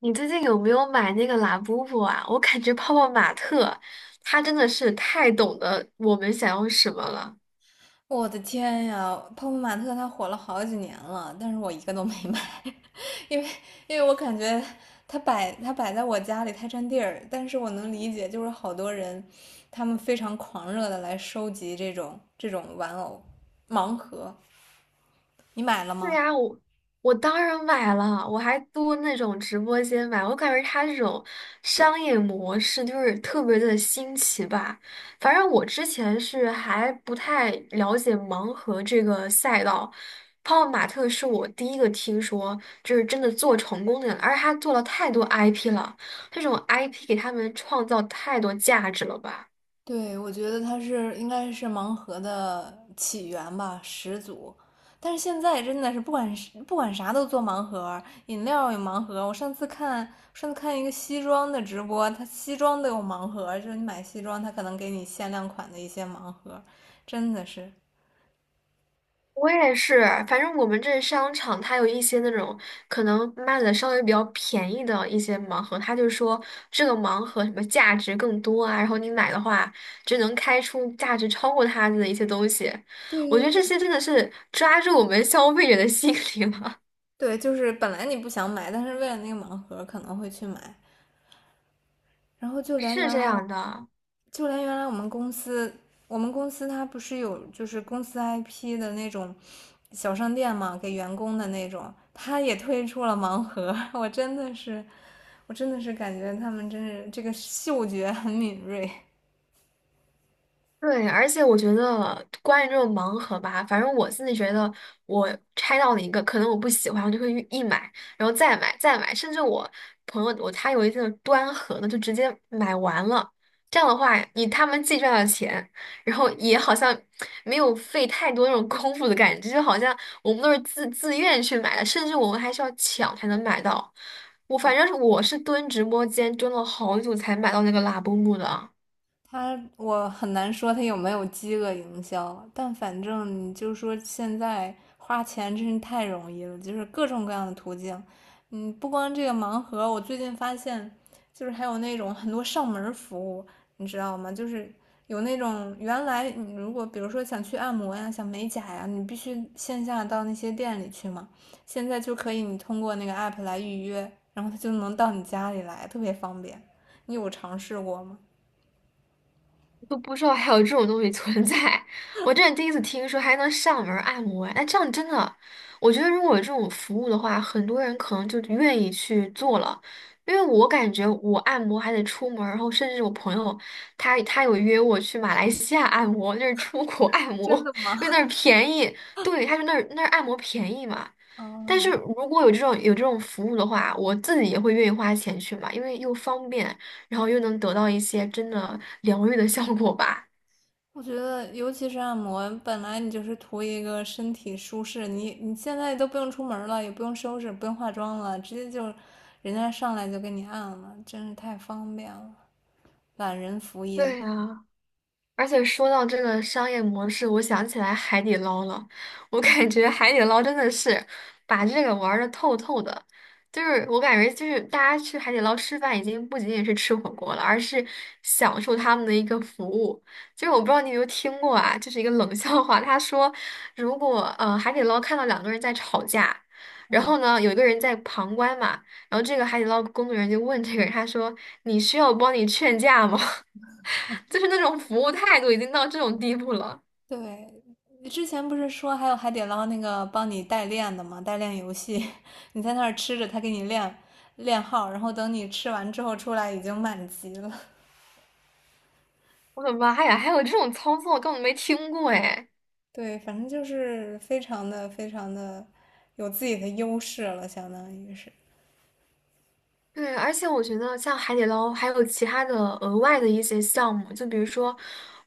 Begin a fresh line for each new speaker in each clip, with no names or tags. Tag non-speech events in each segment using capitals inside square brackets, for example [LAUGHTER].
你最近有没有买那个拉布布啊？我感觉泡泡玛特他真的是太懂得我们想要什么了。
我的天呀，泡泡玛特它火了好几年了，但是我一个都没买，[LAUGHS] 因为因为我感觉它摆在我家里太占地儿，但是我能理解，就是好多人他们非常狂热的来收集这种玩偶盲盒，你买了
对
吗？
呀，我当然买了，我还多那种直播间买，我感觉他这种商业模式就是特别的新奇吧。反正我之前是还不太了解盲盒这个赛道，泡泡玛特是我第一个听说，就是真的做成功的人，而且他做了太多 IP 了，这种 IP 给他们创造太多价值了吧。
对，我觉得它是应该是盲盒的起源吧，始祖。但是现在真的是不管啥都做盲盒，饮料有盲盒。我上次看一个西装的直播，他西装都有盲盒，就是你买西装，他可能给你限量款的一些盲盒，真的是。
我也是，反正我们这商场它有一些那种可能卖的稍微比较便宜的一些盲盒，它就说这个盲盒什么价值更多啊，然后你买的话就能开出价值超过它的一些东西。我觉
对
得
对
这些
对，
真的是抓住我们消费者的心理了，
对，就是本来你不想买，但是为了那个盲盒可能会去买，然后
[LAUGHS] 是这样的。
就连原来我们公司我们公司它不是有就是公司 IP 的那种小商店嘛，给员工的那种，它也推出了盲盒。我真的是感觉他们真是这个嗅觉很敏锐。
对，而且我觉得关于这种盲盒吧，反正我自己觉得，我拆到了一个，可能我不喜欢，我就会一买，然后再买，再买，甚至我朋友他有一次端盒的，就直接买完了。这样的话，你他们既赚了钱，然后也好像没有费太多那种功夫的感觉，就好像我们都是自愿去买的，甚至我们还需要抢才能买到。反正我是蹲直播间蹲了好久才买到那个拉布木的。
他我很难说他有没有饥饿营销，但反正你就说现在花钱真是太容易了，就是各种各样的途径。嗯，不光这个盲盒，我最近发现就是还有那种很多上门服务，你知道吗？就是有那种原来你如果比如说想去按摩呀、想美甲呀，你必须线下到那些店里去嘛，现在就可以你通过那个 app 来预约，然后他就能到你家里来，特别方便。你有尝试过吗？
都不知道还有这种东西存在，我真是第一次听说还能上门按摩。哎，这样真的，我觉得如果有这种服务的话，很多人可能就愿意去做了。因为我感觉我按摩还得出门儿然后甚至我朋友他有约我去马来西亚按摩，就是出国 [LAUGHS] 按摩，
真的
因为那
吗？
儿便宜。对，他说那儿按摩便宜嘛，但是
嗯，
如果有这种服务的话，我自己也会愿意花钱去买，因为又方便，然后又能得到一些真的疗愈的效果吧。
我觉得尤其是按摩，本来你就是图一个身体舒适，你现在都不用出门儿了，也不用收拾，不用化妆了，直接就人家上来就给你按了，真是太方便了，懒人福音。
对呀，而且说到这个商业模式，我想起来海底捞了。我
嗯，
感觉海底捞真的是把这个玩的透透的，就是我感觉就是大家去海底捞吃饭，已经不仅仅是吃火锅了，而是享受他们的一个服务。就是我不知道你有没有听过啊，就是一个冷笑话，他说如果海底捞看到两个人在吵架，然后呢有一个人在旁观嘛，然后这个海底捞工作人员就问这个人，他说你需要我帮你劝架吗？就是那种服务态度已经到这种地步了。
对，你之前不是说还有海底捞那个帮你代练的吗？代练游戏，[LAUGHS] 你在那儿吃着，他给你练号，然后等你吃完之后出来已经满级了。
我的妈呀，还有这种操作，根本没听过哎。
对，反正就是非常的非常的有自己的优势了，相当于是，
对，而且我觉得像海底捞还有其他的额外的一些项目，就比如说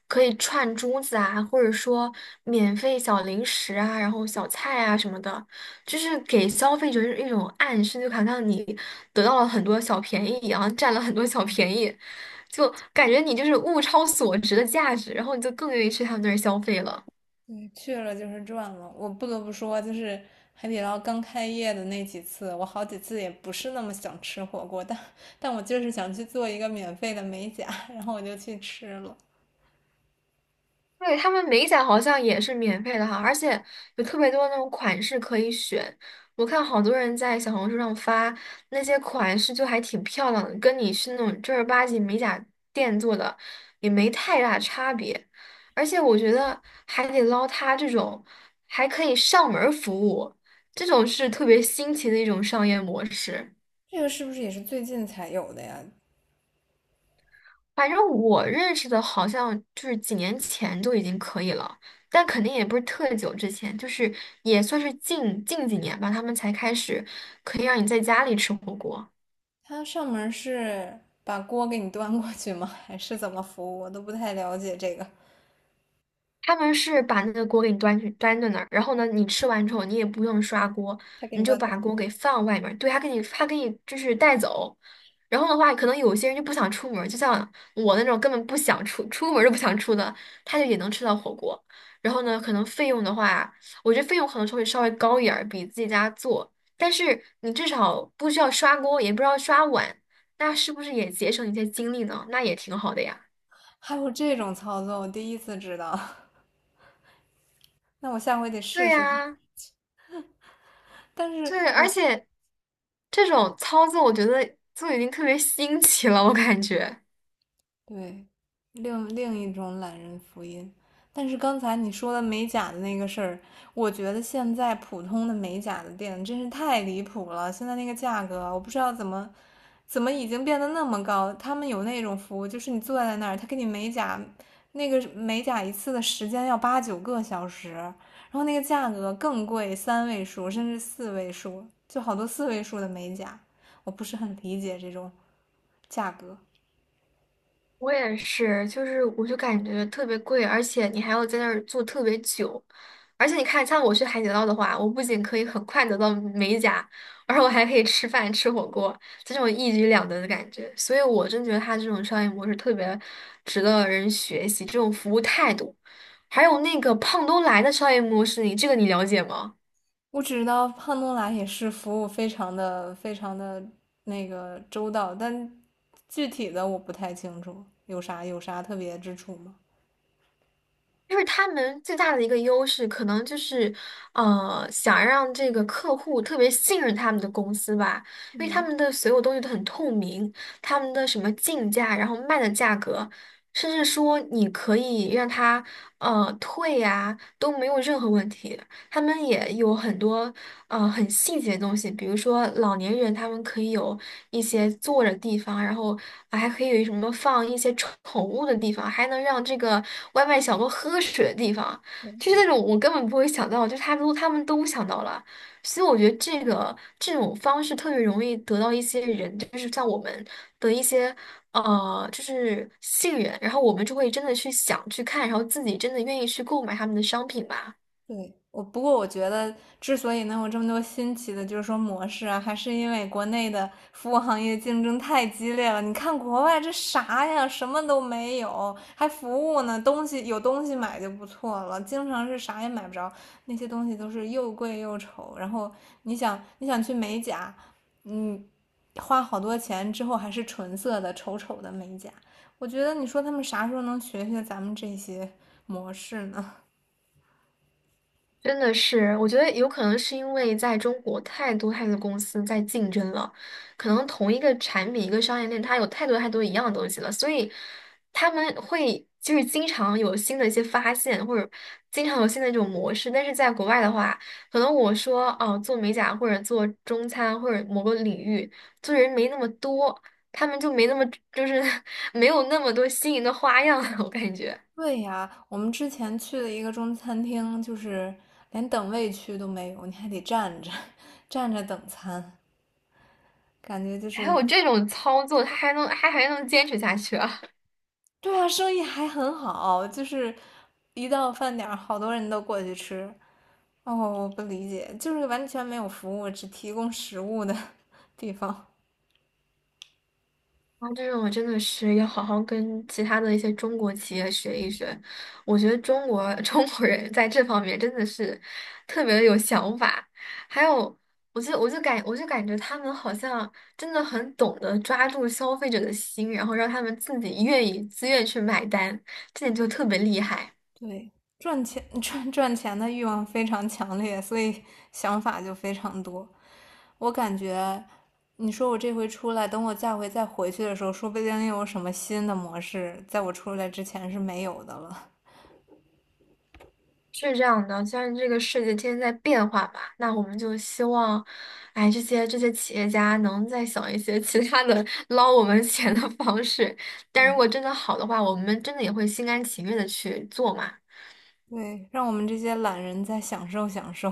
可以串珠子啊，或者说免费小零食啊，然后小菜啊什么的，就是给消费者一种暗示，就好像你得到了很多小便宜一样，占了很多小便宜，就感觉你就是物超所值的价值，然后你就更愿意去他们那儿消费了。
对，去了就是赚了。我不得不说，就是海底捞刚开业的那几次，我好几次也不是那么想吃火锅，但我就是想去做一个免费的美甲，然后我就去吃了。
对，他们美甲好像也是免费的哈，而且有特别多那种款式可以选。我看好多人在小红书上发那些款式，就还挺漂亮的，跟你去那种正儿八经美甲店做的也没太大差别。而且我觉得海底捞它这种还可以上门儿服务，这种是特别新奇的一种商业模式。
这个是不是也是最近才有的呀？
反正我认识的，好像就是几年前就已经可以了，但肯定也不是特久之前，就是也算是近几年吧，他们才开始可以让你在家里吃火锅。
它上门是把锅给你端过去吗？还是怎么服务？我都不太了解这个。
他们是把那个锅给你端在那儿，然后呢，你吃完之后你也不用刷锅，
他给
你
你
就
端走，
把锅给放外面儿对，他给你就是带走。然后的话，可能有些人就不想出门儿就像我那种根本不想出门儿都不想出的，他就也能吃到火锅。然后呢，可能费用的话，我觉得费用可能稍微高一点儿，比自己家做，但是你至少不需要刷锅，也不需要刷碗，那是不是也节省一些精力呢？那也挺好的呀。
还有这种操作，我第一次知道。[LAUGHS] 那我下回得
对
试试。
呀，
[LAUGHS] 但是，
对，而且这种操作我觉得就已经特别新奇了，我感觉。
对，另一种懒人福音。但是刚才你说的美甲的那个事儿，我觉得现在普通的美甲的店真是太离谱了。现在那个价格啊，我不知道怎么已经变得那么高。他们有那种服务，就是你坐在那儿，他给你美甲，那个美甲一次的时间要八九个小时，然后那个价格更贵，三位数甚至四位数，就好多四位数的美甲，我不是很理解这种。价格。
我也是，我就感觉特别贵，而且你还要在那儿坐特别久，而且你看，像我去海底捞的话，我不仅可以很快得到美甲，而我还可以吃饭吃火锅，这种一举两得的感觉。所以我真觉得他这种商业模式特别值得人学习，这种服务态度，还有那个胖东来的商业模式，你这个你了解吗？
我只知道胖东来也是服务非常的非常的那个周到，但具体的我不太清楚，有啥特别之处吗？
就是他们最大的一个优势，可能就是，想让这个客户特别信任他们的公司吧，因为他们的所有东西都很透明，他们的什么进价，然后卖的价格，甚至说你可以让他退呀、都没有任何问题。他们也有很多很细节的东西，比如说老年人他们可以有一些坐着地方，然后啊还可以有什么放一些宠物的地方，还能让这个外卖小哥喝水的地方，就是那种我根本不会想到，就是他们都想到了，所以我觉得这种方式特别容易得到一些人，就是像我们的一些。就是信任，然后我们就会真的去想去看，然后自己真的愿意去购买他们的商品吧。
对，我不过我觉得，之所以能有这么多新奇的，就是说模式啊，还是因为国内的服务行业竞争太激烈了。你看国外这啥呀，什么都没有，还服务呢，东西有东西买就不错了，经常是啥也买不着，那些东西都是又贵又丑。然后你想，你想去美甲，嗯，花好多钱之后还是纯色的、丑丑的美甲。我觉得你说他们啥时候能学学咱们这些模式呢？
真的是，我觉得有可能是因为在中国太多公司在竞争了，可能同一个产品、一个商业链，它有太多一样的东西了，所以他们会就是经常有新的一些发现，或者经常有新的一种模式。但是在国外的话，可能我说哦，做美甲或者做中餐或者某个领域，做人没那么多，他们就没那么就是 [LAUGHS] 没有那么多新颖的花样了我感觉。
对呀，我们之前去了一个中餐厅，就是连等位区都没有，你还得站着 [LAUGHS]，站着等餐，感觉就
还
是，
有这种操作，他还能坚持下去啊？
对啊，生意还很好，就是一到饭点儿，好多人都过去吃。哦，我不理解，就是完全没有服务，只提供食物的 [LAUGHS] 地方。
啊，这种我真的是要好好跟其他的一些中国企业学一学。我觉得中国 [LAUGHS] 中国人在这方面真的是特别的有想法，还有，我就感觉他们好像真的很懂得抓住消费者的心，然后让他们自己愿意自愿去买单，这点就特别厉害。
对，赚钱 [LAUGHS] 赚钱的欲望非常强烈，所以想法就非常多。我感觉，你说我这回出来，等我下回再回去的时候，说不定又有什么新的模式，在我出来之前是没有的了。
是这样的，虽然这个世界天天在变化吧，那我们就希望，哎，这些企业家能再想一些其他的 [LAUGHS] 捞我们 [LAUGHS] 钱的方式。但如果真的好的话，我们真的也会心甘情愿的去做嘛。
[LAUGHS] 对，让我们这些懒人再享受享受。